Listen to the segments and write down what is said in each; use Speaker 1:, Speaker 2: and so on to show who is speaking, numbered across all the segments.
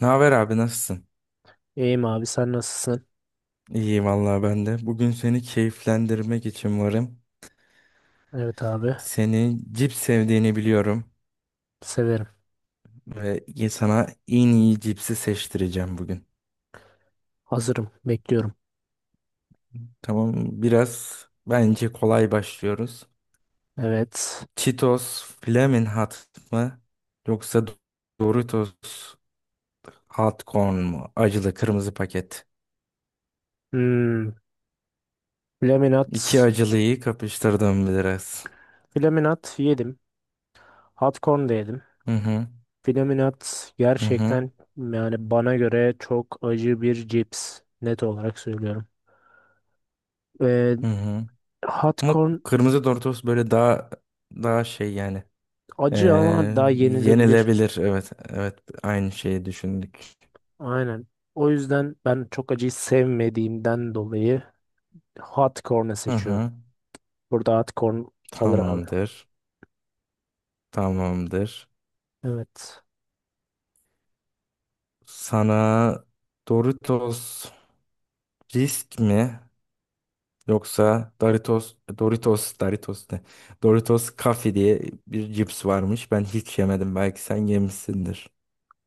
Speaker 1: Ne haber abi, nasılsın?
Speaker 2: İyiyim abi sen nasılsın?
Speaker 1: İyiyim vallahi ben de. Bugün seni keyiflendirmek için varım.
Speaker 2: Evet abi,
Speaker 1: Seni cips sevdiğini biliyorum
Speaker 2: severim.
Speaker 1: ve sana en iyi cipsi seçtireceğim bugün.
Speaker 2: Hazırım, bekliyorum.
Speaker 1: Tamam, biraz bence kolay başlıyoruz.
Speaker 2: Evet.
Speaker 1: Cheetos Flamin' Hot mı yoksa Doritos Hot Corn mu? Acılı kırmızı paket.
Speaker 2: Hmm. Flaminat.
Speaker 1: İki acılıyı kapıştırdım biraz.
Speaker 2: Flaminat yedim. Hot corn da yedim.
Speaker 1: Hı hı
Speaker 2: Flaminat
Speaker 1: hı hı
Speaker 2: gerçekten yani bana göre çok acı bir cips. Net olarak söylüyorum. Ee,
Speaker 1: hı. Hı.
Speaker 2: hot
Speaker 1: Ama
Speaker 2: corn
Speaker 1: kırmızı Doritos böyle daha şey yani. Ee,
Speaker 2: acı ama daha yenilebilir.
Speaker 1: Yenilebilir. Evet, evet. Aynı şeyi düşündük.
Speaker 2: Aynen. O yüzden ben çok acıyı sevmediğimden dolayı hot corn'u
Speaker 1: Hı
Speaker 2: seçiyorum.
Speaker 1: hı.
Speaker 2: Burada hot corn alır abi.
Speaker 1: Tamamdır. Tamamdır.
Speaker 2: Evet.
Speaker 1: Sana Doritos risk mi yoksa Doritos ne? Doritos Kafi diye bir cips varmış. Ben hiç yemedim. Belki sen yemişsindir.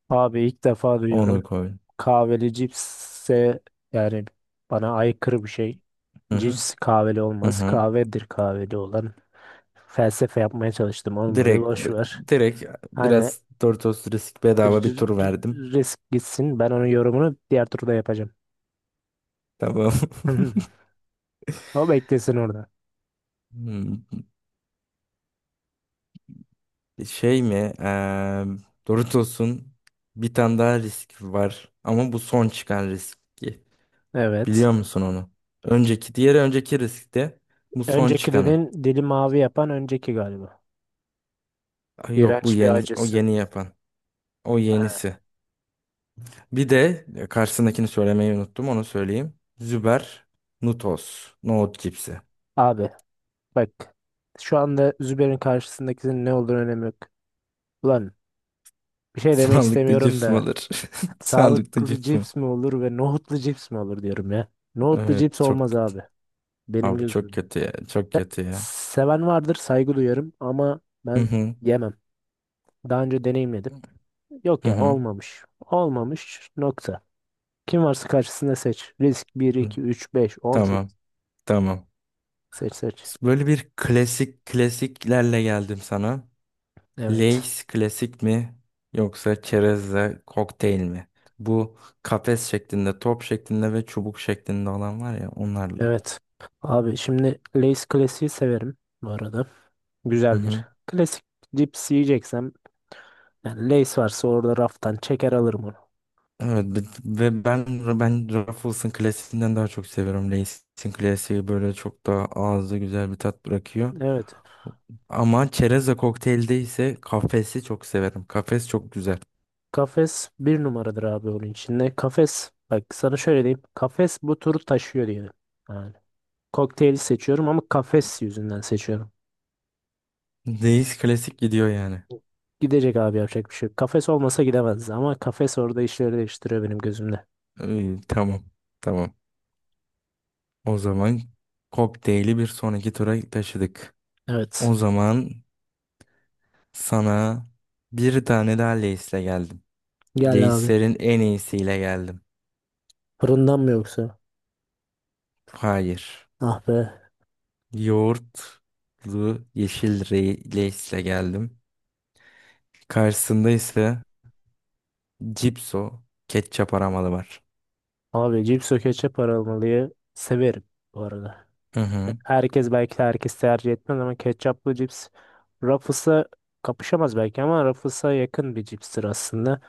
Speaker 2: Abi ilk defa
Speaker 1: Onu
Speaker 2: duyuyorum.
Speaker 1: koy.
Speaker 2: Kahveli cipsse yani bana aykırı bir şey.
Speaker 1: Hı hı.
Speaker 2: Cips kahveli
Speaker 1: Hı
Speaker 2: olmaz.
Speaker 1: hı.
Speaker 2: Kahvedir kahveli olan. Felsefe yapmaya çalıştım, olmadı.
Speaker 1: Direkt
Speaker 2: Boş ver.
Speaker 1: direkt biraz
Speaker 2: Hani
Speaker 1: Doritos risk, bedava bir
Speaker 2: r-
Speaker 1: tur verdim.
Speaker 2: r- risk gitsin. Ben onun yorumunu diğer turda yapacağım.
Speaker 1: Tamam.
Speaker 2: O beklesin orada.
Speaker 1: Hmm. Şey mi? Doritos'un bir tane daha risk var. Ama bu son çıkan riski. Biliyor
Speaker 2: Evet.
Speaker 1: musun onu? Önceki, diğeri önceki riskti. Bu son çıkanı.
Speaker 2: Öncekilerin dili mavi yapan önceki galiba.
Speaker 1: Ay yok, bu
Speaker 2: İğrenç bir
Speaker 1: yeni, o
Speaker 2: acısı.
Speaker 1: yeni yapan. O
Speaker 2: Ha.
Speaker 1: yenisi. Bir de karşısındakini söylemeyi unuttum. Onu söyleyeyim. Züber Nutos. Nohut cipsi.
Speaker 2: Abi bak. Şu anda Zübeyir'in karşısındakinin ne olduğunu önemi yok. Ulan bir şey demek
Speaker 1: Sağlıklı
Speaker 2: istemiyorum
Speaker 1: cips mi
Speaker 2: da
Speaker 1: olur? Sağlıklı
Speaker 2: sağlıklı
Speaker 1: cips mi?
Speaker 2: cips mi olur ve nohutlu cips mi olur diyorum ya. Nohutlu
Speaker 1: Evet
Speaker 2: cips
Speaker 1: çok
Speaker 2: olmaz abi benim
Speaker 1: abi, çok
Speaker 2: gözümde.
Speaker 1: kötü ya. Çok kötü ya.
Speaker 2: Seven vardır, saygı duyarım ama
Speaker 1: Hı
Speaker 2: ben
Speaker 1: hı.
Speaker 2: yemem. Daha önce deneyimledim. Yok
Speaker 1: Hı
Speaker 2: yani,
Speaker 1: hı.
Speaker 2: olmamış. Olmamış nokta. Kim varsa karşısında seç. Risk bir
Speaker 1: Hı.
Speaker 2: iki üç beş on 18.
Speaker 1: Tamam. Tamam.
Speaker 2: Seç seç.
Speaker 1: Böyle bir klasik klasiklerle geldim sana.
Speaker 2: Evet.
Speaker 1: Lay's klasik mi yoksa çerezle kokteyl mi? Bu kafes şeklinde, top şeklinde ve çubuk şeklinde olan var ya, onlarla.
Speaker 2: Evet. Abi şimdi Lay's klasiği severim bu arada.
Speaker 1: Hı hı.
Speaker 2: Güzeldir. Klasik cips yiyeceksem yani Lay's varsa orada raftan çeker alırım onu.
Speaker 1: Evet, ve ben Ruffles'ın klasiğinden daha çok seviyorum. Lay's'in klasiği böyle çok daha ağızda güzel bir tat bırakıyor.
Speaker 2: Evet.
Speaker 1: Ama çerezle kokteylde ise kafesi çok severim. Kafes çok güzel.
Speaker 2: Kafes bir numaradır abi onun içinde. Kafes bak, sana şöyle diyeyim. Kafes bu turu taşıyor diyelim. Yani kokteyli seçiyorum ama kafes yüzünden seçiyorum.
Speaker 1: Lay's klasik gidiyor yani.
Speaker 2: Gidecek abi, yapacak bir şey yok. Kafes olmasa gidemez ama kafes orada işleri değiştiriyor benim gözümde.
Speaker 1: İyi, tamam. Tamam. O zaman kokteyli bir sonraki tura taşıdık. O
Speaker 2: Evet.
Speaker 1: zaman sana bir tane daha Lay's'le geldim.
Speaker 2: Gel abi.
Speaker 1: Lay's'lerin en iyisiyle geldim.
Speaker 2: Fırından mı yoksa?
Speaker 1: Hayır.
Speaker 2: Ah be.
Speaker 1: Yoğurtlu yeşil Lay's'le geldim. Karşısında ise Cipso ketçap aramalı var.
Speaker 2: Abi cips o ketçap paramalıya severim bu arada.
Speaker 1: Hı hı.
Speaker 2: Herkes belki de herkes tercih etmez ama ketçaplı cips Ruffles'a kapışamaz belki ama Ruffles'a yakın bir cipstir aslında.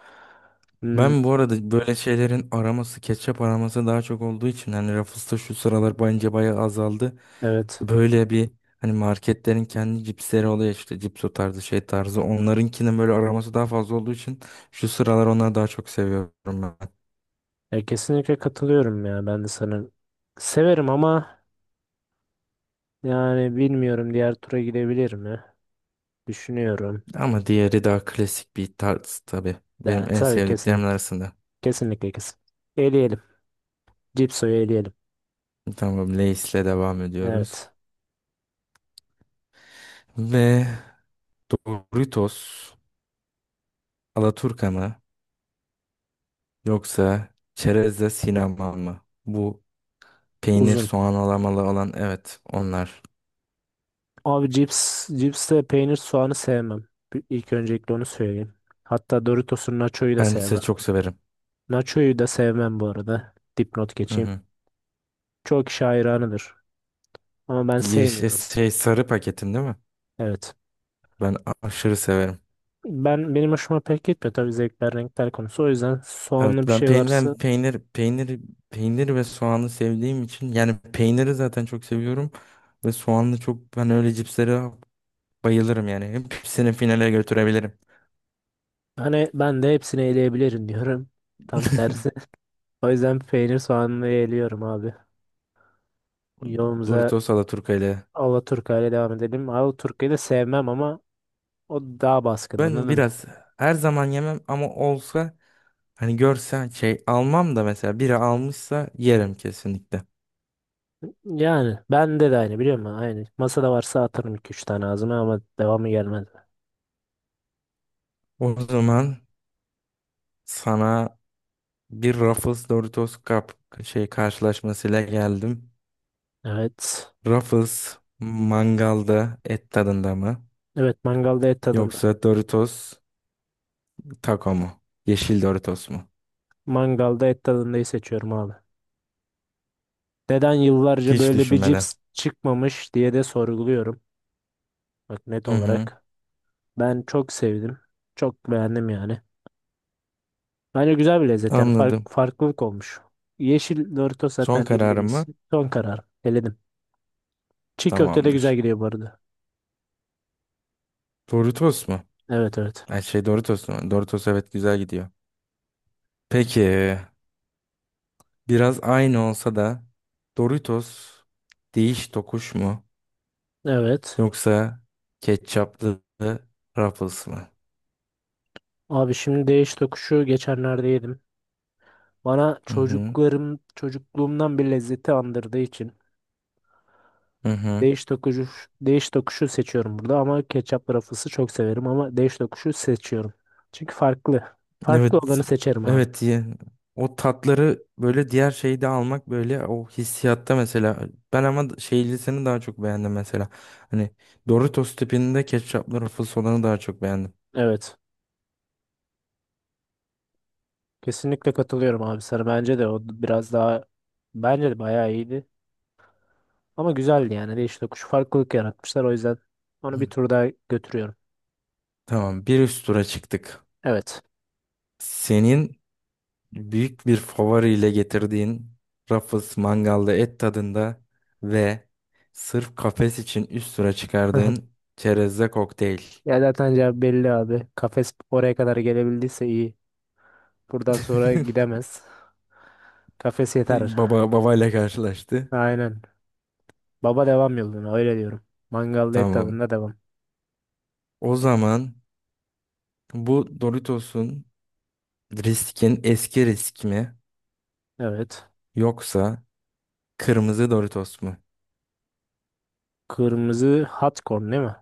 Speaker 2: Hmm,
Speaker 1: Ben bu arada böyle şeylerin araması, ketçap araması daha çok olduğu için hani Ruffles'ta şu sıralar bence bayağı azaldı.
Speaker 2: evet.
Speaker 1: Böyle bir hani marketlerin kendi cipsleri oluyor işte, cipso tarzı şey tarzı. Onlarınkinin böyle araması daha fazla olduğu için şu sıralar onları daha çok seviyorum ben.
Speaker 2: Ya kesinlikle katılıyorum ya ben de sana. Severim ama yani bilmiyorum, diğer tura gidebilir mi? Düşünüyorum.
Speaker 1: Ama diğeri daha klasik bir tarz tabii.
Speaker 2: Ya,
Speaker 1: Benim en
Speaker 2: tabii kesin.
Speaker 1: sevdiklerim arasında.
Speaker 2: Kesinlikle kesin. Eleyelim. Cipso'yu eleyelim.
Speaker 1: Tamam, Lay's'le devam ediyoruz.
Speaker 2: Evet.
Speaker 1: Ve Doritos, Alaturka mı yoksa Çerezle sinema mı? Bu peynir,
Speaker 2: Uzun.
Speaker 1: soğan, alamalı olan, evet, onlar.
Speaker 2: Abi cipste peynir soğanı sevmem. İlk öncelikle onu söyleyeyim. Hatta Doritos'un Nacho'yu da
Speaker 1: Ben size
Speaker 2: sevmem.
Speaker 1: çok severim.
Speaker 2: Nacho'yu da sevmem bu arada. Dipnot
Speaker 1: Hı
Speaker 2: geçeyim.
Speaker 1: hı.
Speaker 2: Çok kişi hayranıdır. Ama ben
Speaker 1: Yeşil şey
Speaker 2: sevmiyorum.
Speaker 1: şey, sarı paketin değil mi?
Speaker 2: Evet.
Speaker 1: Ben aşırı severim.
Speaker 2: Benim hoşuma pek gitmiyor, tabii zevkler renkler konusu. O yüzden soğanlı
Speaker 1: Evet,
Speaker 2: bir
Speaker 1: ben
Speaker 2: şey
Speaker 1: peynir
Speaker 2: varsa
Speaker 1: ben peynir peynir peynir ve soğanı sevdiğim için yani peyniri zaten çok seviyorum ve soğanlı çok, ben öyle cipslere bayılırım yani. Hepsini finale götürebilirim.
Speaker 2: hani ben de hepsini eleyebilirim diyorum. Tam tersi. O yüzden peynir soğanlı eliyorum abi. Yolumuza
Speaker 1: Doritos Alaturka ile.
Speaker 2: Alaturka ile devam edelim. Alaturka'yı da sevmem ama o daha baskın,
Speaker 1: Ben
Speaker 2: anladın mı?
Speaker 1: biraz her zaman yemem ama olsa, hani, görsen şey almam da mesela biri almışsa yerim kesinlikle.
Speaker 2: Yani bende de aynı, biliyor musun? Aynı. Masada varsa atarım iki üç tane ağzıma ama devamı gelmedi.
Speaker 1: O zaman sana bir Ruffles Doritos Cup şey karşılaşmasıyla geldim.
Speaker 2: Evet.
Speaker 1: Ruffles mangalda et tadında mı?
Speaker 2: Evet, mangalda et tadında.
Speaker 1: Yoksa Doritos taco mu? Yeşil Doritos mu?
Speaker 2: Mangalda et tadındayı seçiyorum abi. Neden yıllarca
Speaker 1: Hiç
Speaker 2: böyle bir
Speaker 1: düşünmeden.
Speaker 2: cips çıkmamış diye de sorguluyorum. Bak net
Speaker 1: Hı hı.
Speaker 2: olarak. Ben çok sevdim. Çok beğendim yani. Bence güzel bir lezzet yani
Speaker 1: Anladım.
Speaker 2: farklılık olmuş. Yeşil Doritos
Speaker 1: Son
Speaker 2: zaten
Speaker 1: kararım
Speaker 2: bildiğimiz.
Speaker 1: mı?
Speaker 2: Son karar. Eledim. Çiğ köfte de güzel
Speaker 1: Tamamdır.
Speaker 2: gidiyor bu arada.
Speaker 1: Doritos mu?
Speaker 2: Evet evet.
Speaker 1: Ay şey, Doritos mu? Doritos, evet, güzel gidiyor. Peki, biraz aynı olsa da Doritos değiş tokuş mu?
Speaker 2: Evet.
Speaker 1: Yoksa ketçaplı Ruffles mı?
Speaker 2: Abi şimdi değiş tokuşu geçenlerde yedim. Bana
Speaker 1: Hı hı.
Speaker 2: çocukluğumdan bir lezzeti andırdığı için
Speaker 1: Hı hı.
Speaker 2: Değiş tokuşu, değiş tokuşu seçiyorum burada ama ketçap rafısı çok severim ama değiş tokuşu seçiyorum. Çünkü farklı. Farklı
Speaker 1: Evet.
Speaker 2: olanı seçerim abi.
Speaker 1: Evet. O tatları böyle diğer şeyde almak, böyle o hissiyatta mesela. Ben ama şeylisini daha çok beğendim mesela. Hani Doritos tipinde ketçaplı Ruffles olanı daha çok beğendim.
Speaker 2: Evet. Kesinlikle katılıyorum abi sana. Bence de o biraz daha bence de bayağı iyiydi. Ama güzeldi yani. Değiş tokuş farklılık yaratmışlar. O yüzden onu
Speaker 1: Hı.
Speaker 2: bir tur daha götürüyorum.
Speaker 1: Tamam. Bir üst tura çıktık.
Speaker 2: Evet.
Speaker 1: Senin büyük bir favoriyle getirdiğin Ruffles mangalda et tadında ve sırf kafes için üst tura çıkardığın çerezle kokteyl.
Speaker 2: Ya zaten cevap belli abi. Kafes oraya kadar gelebildiyse iyi. Buradan sonra gidemez. Kafes yeter.
Speaker 1: Baba babayla karşılaştı.
Speaker 2: Aynen. Baba devam yoluna, öyle diyorum. Mangalda et
Speaker 1: Tamam.
Speaker 2: tadında devam.
Speaker 1: O zaman bu Doritos'un riskin, eski risk mi
Speaker 2: Evet.
Speaker 1: yoksa kırmızı Doritos mu?
Speaker 2: Kırmızı hot corn değil mi?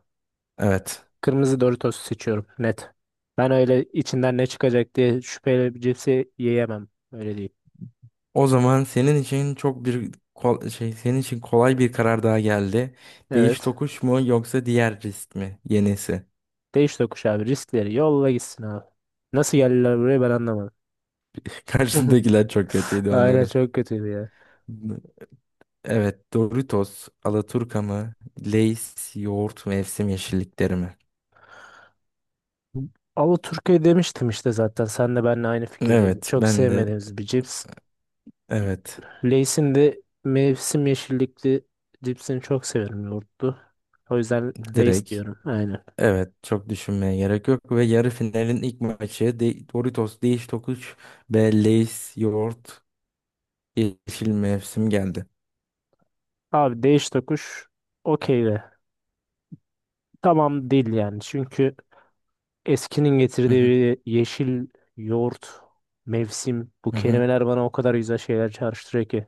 Speaker 1: Evet.
Speaker 2: Kırmızı Doritos seçiyorum net. Ben öyle içinden ne çıkacak diye şüpheyle bir cipsi yiyemem. Öyle değil.
Speaker 1: O zaman senin için çok bir kol- şey senin için kolay bir karar daha geldi. Değiş
Speaker 2: Evet.
Speaker 1: tokuş mu yoksa diğer risk mi? Yenisi.
Speaker 2: Değiş tokuş abi. Riskleri yolla, gitsin abi. Nasıl geldiler buraya ben anlamadım.
Speaker 1: Karşındakiler çok kötüydü
Speaker 2: Aynen
Speaker 1: onların.
Speaker 2: çok kötüydü ya.
Speaker 1: Evet, Doritos, Alaturka mı? Lay's, yoğurt, mevsim yeşillikleri mi?
Speaker 2: Ama Türkiye demiştim işte zaten. Sen de benimle aynı fikirdeydin.
Speaker 1: Evet,
Speaker 2: Çok
Speaker 1: ben de,
Speaker 2: sevmediğimiz bir cips.
Speaker 1: evet.
Speaker 2: Lay's'in de mevsim yeşillikli cipsini çok severim, yoğurtlu. O yüzden Lay's
Speaker 1: Direkt,
Speaker 2: diyorum. Aynen.
Speaker 1: evet, çok düşünmeye gerek yok ve yarı finalin ilk maçı de Doritos Değiş Tokuş ve Lay's yoğurt yeşil mevsim geldi.
Speaker 2: Abi değiş tokuş okey de. Tamam değil yani. Çünkü eskinin
Speaker 1: Hı hı,
Speaker 2: getirdiği yeşil, yoğurt, mevsim, bu
Speaker 1: hı hı.
Speaker 2: kelimeler bana o kadar güzel şeyler çağrıştırıyor ki.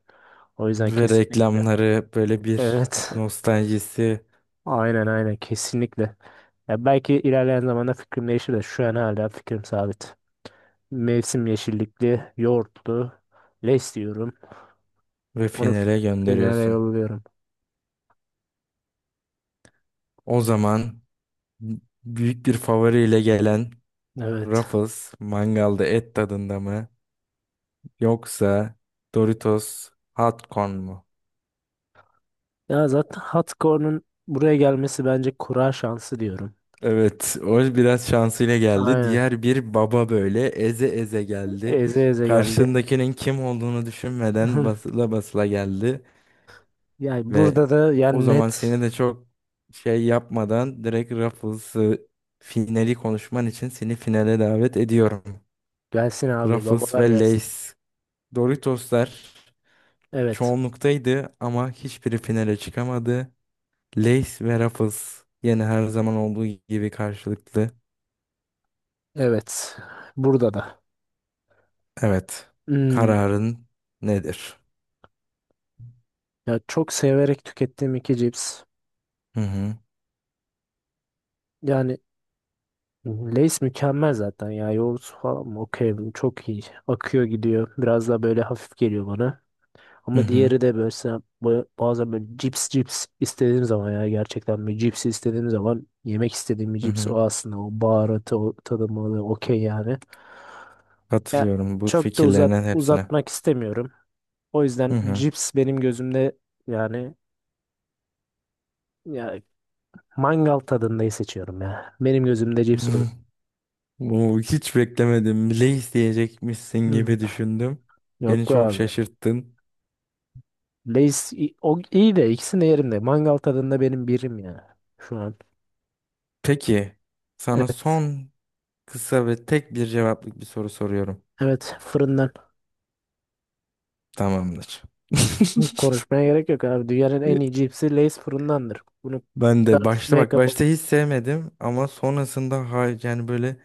Speaker 2: O yüzden
Speaker 1: Ve
Speaker 2: kesinlikle.
Speaker 1: reklamları böyle bir
Speaker 2: Evet.
Speaker 1: nostaljisi
Speaker 2: Aynen aynen kesinlikle. Ya belki ilerleyen zamanda fikrim değişir de şu an hala fikrim sabit. Mevsim yeşillikli, yoğurtlu, leş diyorum.
Speaker 1: ve
Speaker 2: Onu
Speaker 1: finale
Speaker 2: finale
Speaker 1: gönderiyorsun.
Speaker 2: yolluyorum.
Speaker 1: O zaman büyük bir favoriyle gelen
Speaker 2: Evet.
Speaker 1: Ruffles mangalda et tadında mı yoksa Doritos hot corn mu?
Speaker 2: Ya zaten Hatkor'un buraya gelmesi bence kura şansı diyorum.
Speaker 1: Evet, o biraz şansıyla geldi.
Speaker 2: Aynen.
Speaker 1: Diğer bir baba böyle eze eze geldi.
Speaker 2: Eze eze geldi.
Speaker 1: Karşındakinin kim olduğunu düşünmeden basıla basıla geldi
Speaker 2: Yani
Speaker 1: ve
Speaker 2: burada da
Speaker 1: o
Speaker 2: yani
Speaker 1: zaman
Speaker 2: net
Speaker 1: seni de çok şey yapmadan direkt Ruffles'ı, finali konuşman için seni finale davet ediyorum.
Speaker 2: gelsin abi,
Speaker 1: Ruffles
Speaker 2: babalar
Speaker 1: ve
Speaker 2: gelsin.
Speaker 1: Lay's. Doritoslar
Speaker 2: Evet.
Speaker 1: çoğunluktaydı ama hiçbiri finale çıkamadı. Lace ve Ruffles, yine her zaman olduğu gibi karşılıklı.
Speaker 2: Evet. Burada da.
Speaker 1: Evet.
Speaker 2: Hmm.
Speaker 1: Kararın nedir?
Speaker 2: Ya çok severek tükettiğim iki cips.
Speaker 1: Hı hı.
Speaker 2: Yani Lay's mükemmel zaten ya. Yoğurtsu falan mı? Okey. Çok iyi. Akıyor gidiyor. Biraz daha böyle hafif geliyor bana.
Speaker 1: Hı
Speaker 2: Ama
Speaker 1: hı.
Speaker 2: diğeri de böyle bazen böyle cips istediğim zaman ya gerçekten bir cips istediğim zaman yemek istediğim bir
Speaker 1: Hı
Speaker 2: cips
Speaker 1: hı.
Speaker 2: o aslında, o baharatı o tadımı okey yani. Ya
Speaker 1: Katılıyorum bu
Speaker 2: çok da
Speaker 1: fikirlerinin hepsine.
Speaker 2: uzatmak istemiyorum. O
Speaker 1: Hı
Speaker 2: yüzden
Speaker 1: hı.
Speaker 2: cips benim gözümde yani ya mangal tadındayı seçiyorum ya. Benim gözümde
Speaker 1: Bu,
Speaker 2: cips olur.
Speaker 1: bu hiç beklemedim. Lace diyecekmişsin
Speaker 2: Hı.
Speaker 1: gibi düşündüm.
Speaker 2: Yok
Speaker 1: Beni
Speaker 2: be
Speaker 1: çok
Speaker 2: abi.
Speaker 1: şaşırttın.
Speaker 2: O iyi de ikisini de yerim de mangal tadında benim birim ya şu an.
Speaker 1: Peki, sana
Speaker 2: Evet.
Speaker 1: son, kısa ve tek bir cevaplık bir soru soruyorum.
Speaker 2: Evet, fırından.
Speaker 1: Tamamdır.
Speaker 2: Hı, konuşmaya gerek yok abi. Dünyanın en iyi cipsi Lay's fırındandır. Bunu
Speaker 1: Ben de başta,
Speaker 2: tartışmaya
Speaker 1: bak,
Speaker 2: kapalı.
Speaker 1: başta hiç sevmedim ama sonrasında, ha, yani böyle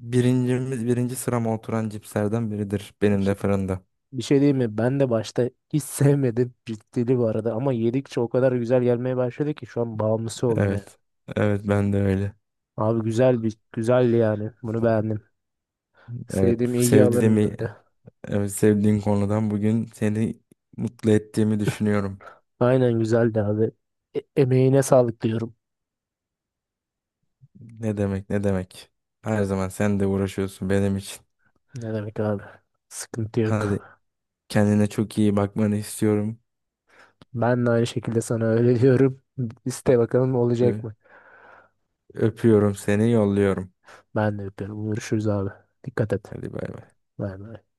Speaker 1: birincimiz, birinci sırama oturan cipslerden biridir benim de, fırında.
Speaker 2: Bir şey diyeyim mi? Ben de başta hiç sevmedim, ciddili bu arada ama yedikçe o kadar güzel gelmeye başladı ki şu an bağımlısı oldum yani.
Speaker 1: Evet. Evet, ben de öyle.
Speaker 2: Abi güzel, bir güzeldi yani. Bunu beğendim.
Speaker 1: Evet
Speaker 2: Sevdiğim ilgi alanımdı
Speaker 1: sevdiğimi
Speaker 2: bir de.
Speaker 1: evet, Sevdiğin konudan bugün seni mutlu ettiğimi düşünüyorum.
Speaker 2: Aynen güzeldi abi. Emeğine sağlık diyorum.
Speaker 1: Ne demek, ne demek. Her zaman sen de uğraşıyorsun benim için.
Speaker 2: Ne demek abi? Sıkıntı yok.
Speaker 1: Hadi, kendine çok iyi bakmanı istiyorum.
Speaker 2: Ben de aynı şekilde sana öyle diyorum. İste bakalım olacak
Speaker 1: Ö-
Speaker 2: mı?
Speaker 1: Öpüyorum, seni yolluyorum.
Speaker 2: Ben de yapıyorum. Görüşürüz abi. Dikkat et.
Speaker 1: Hadi, bay bay.
Speaker 2: Bay bay.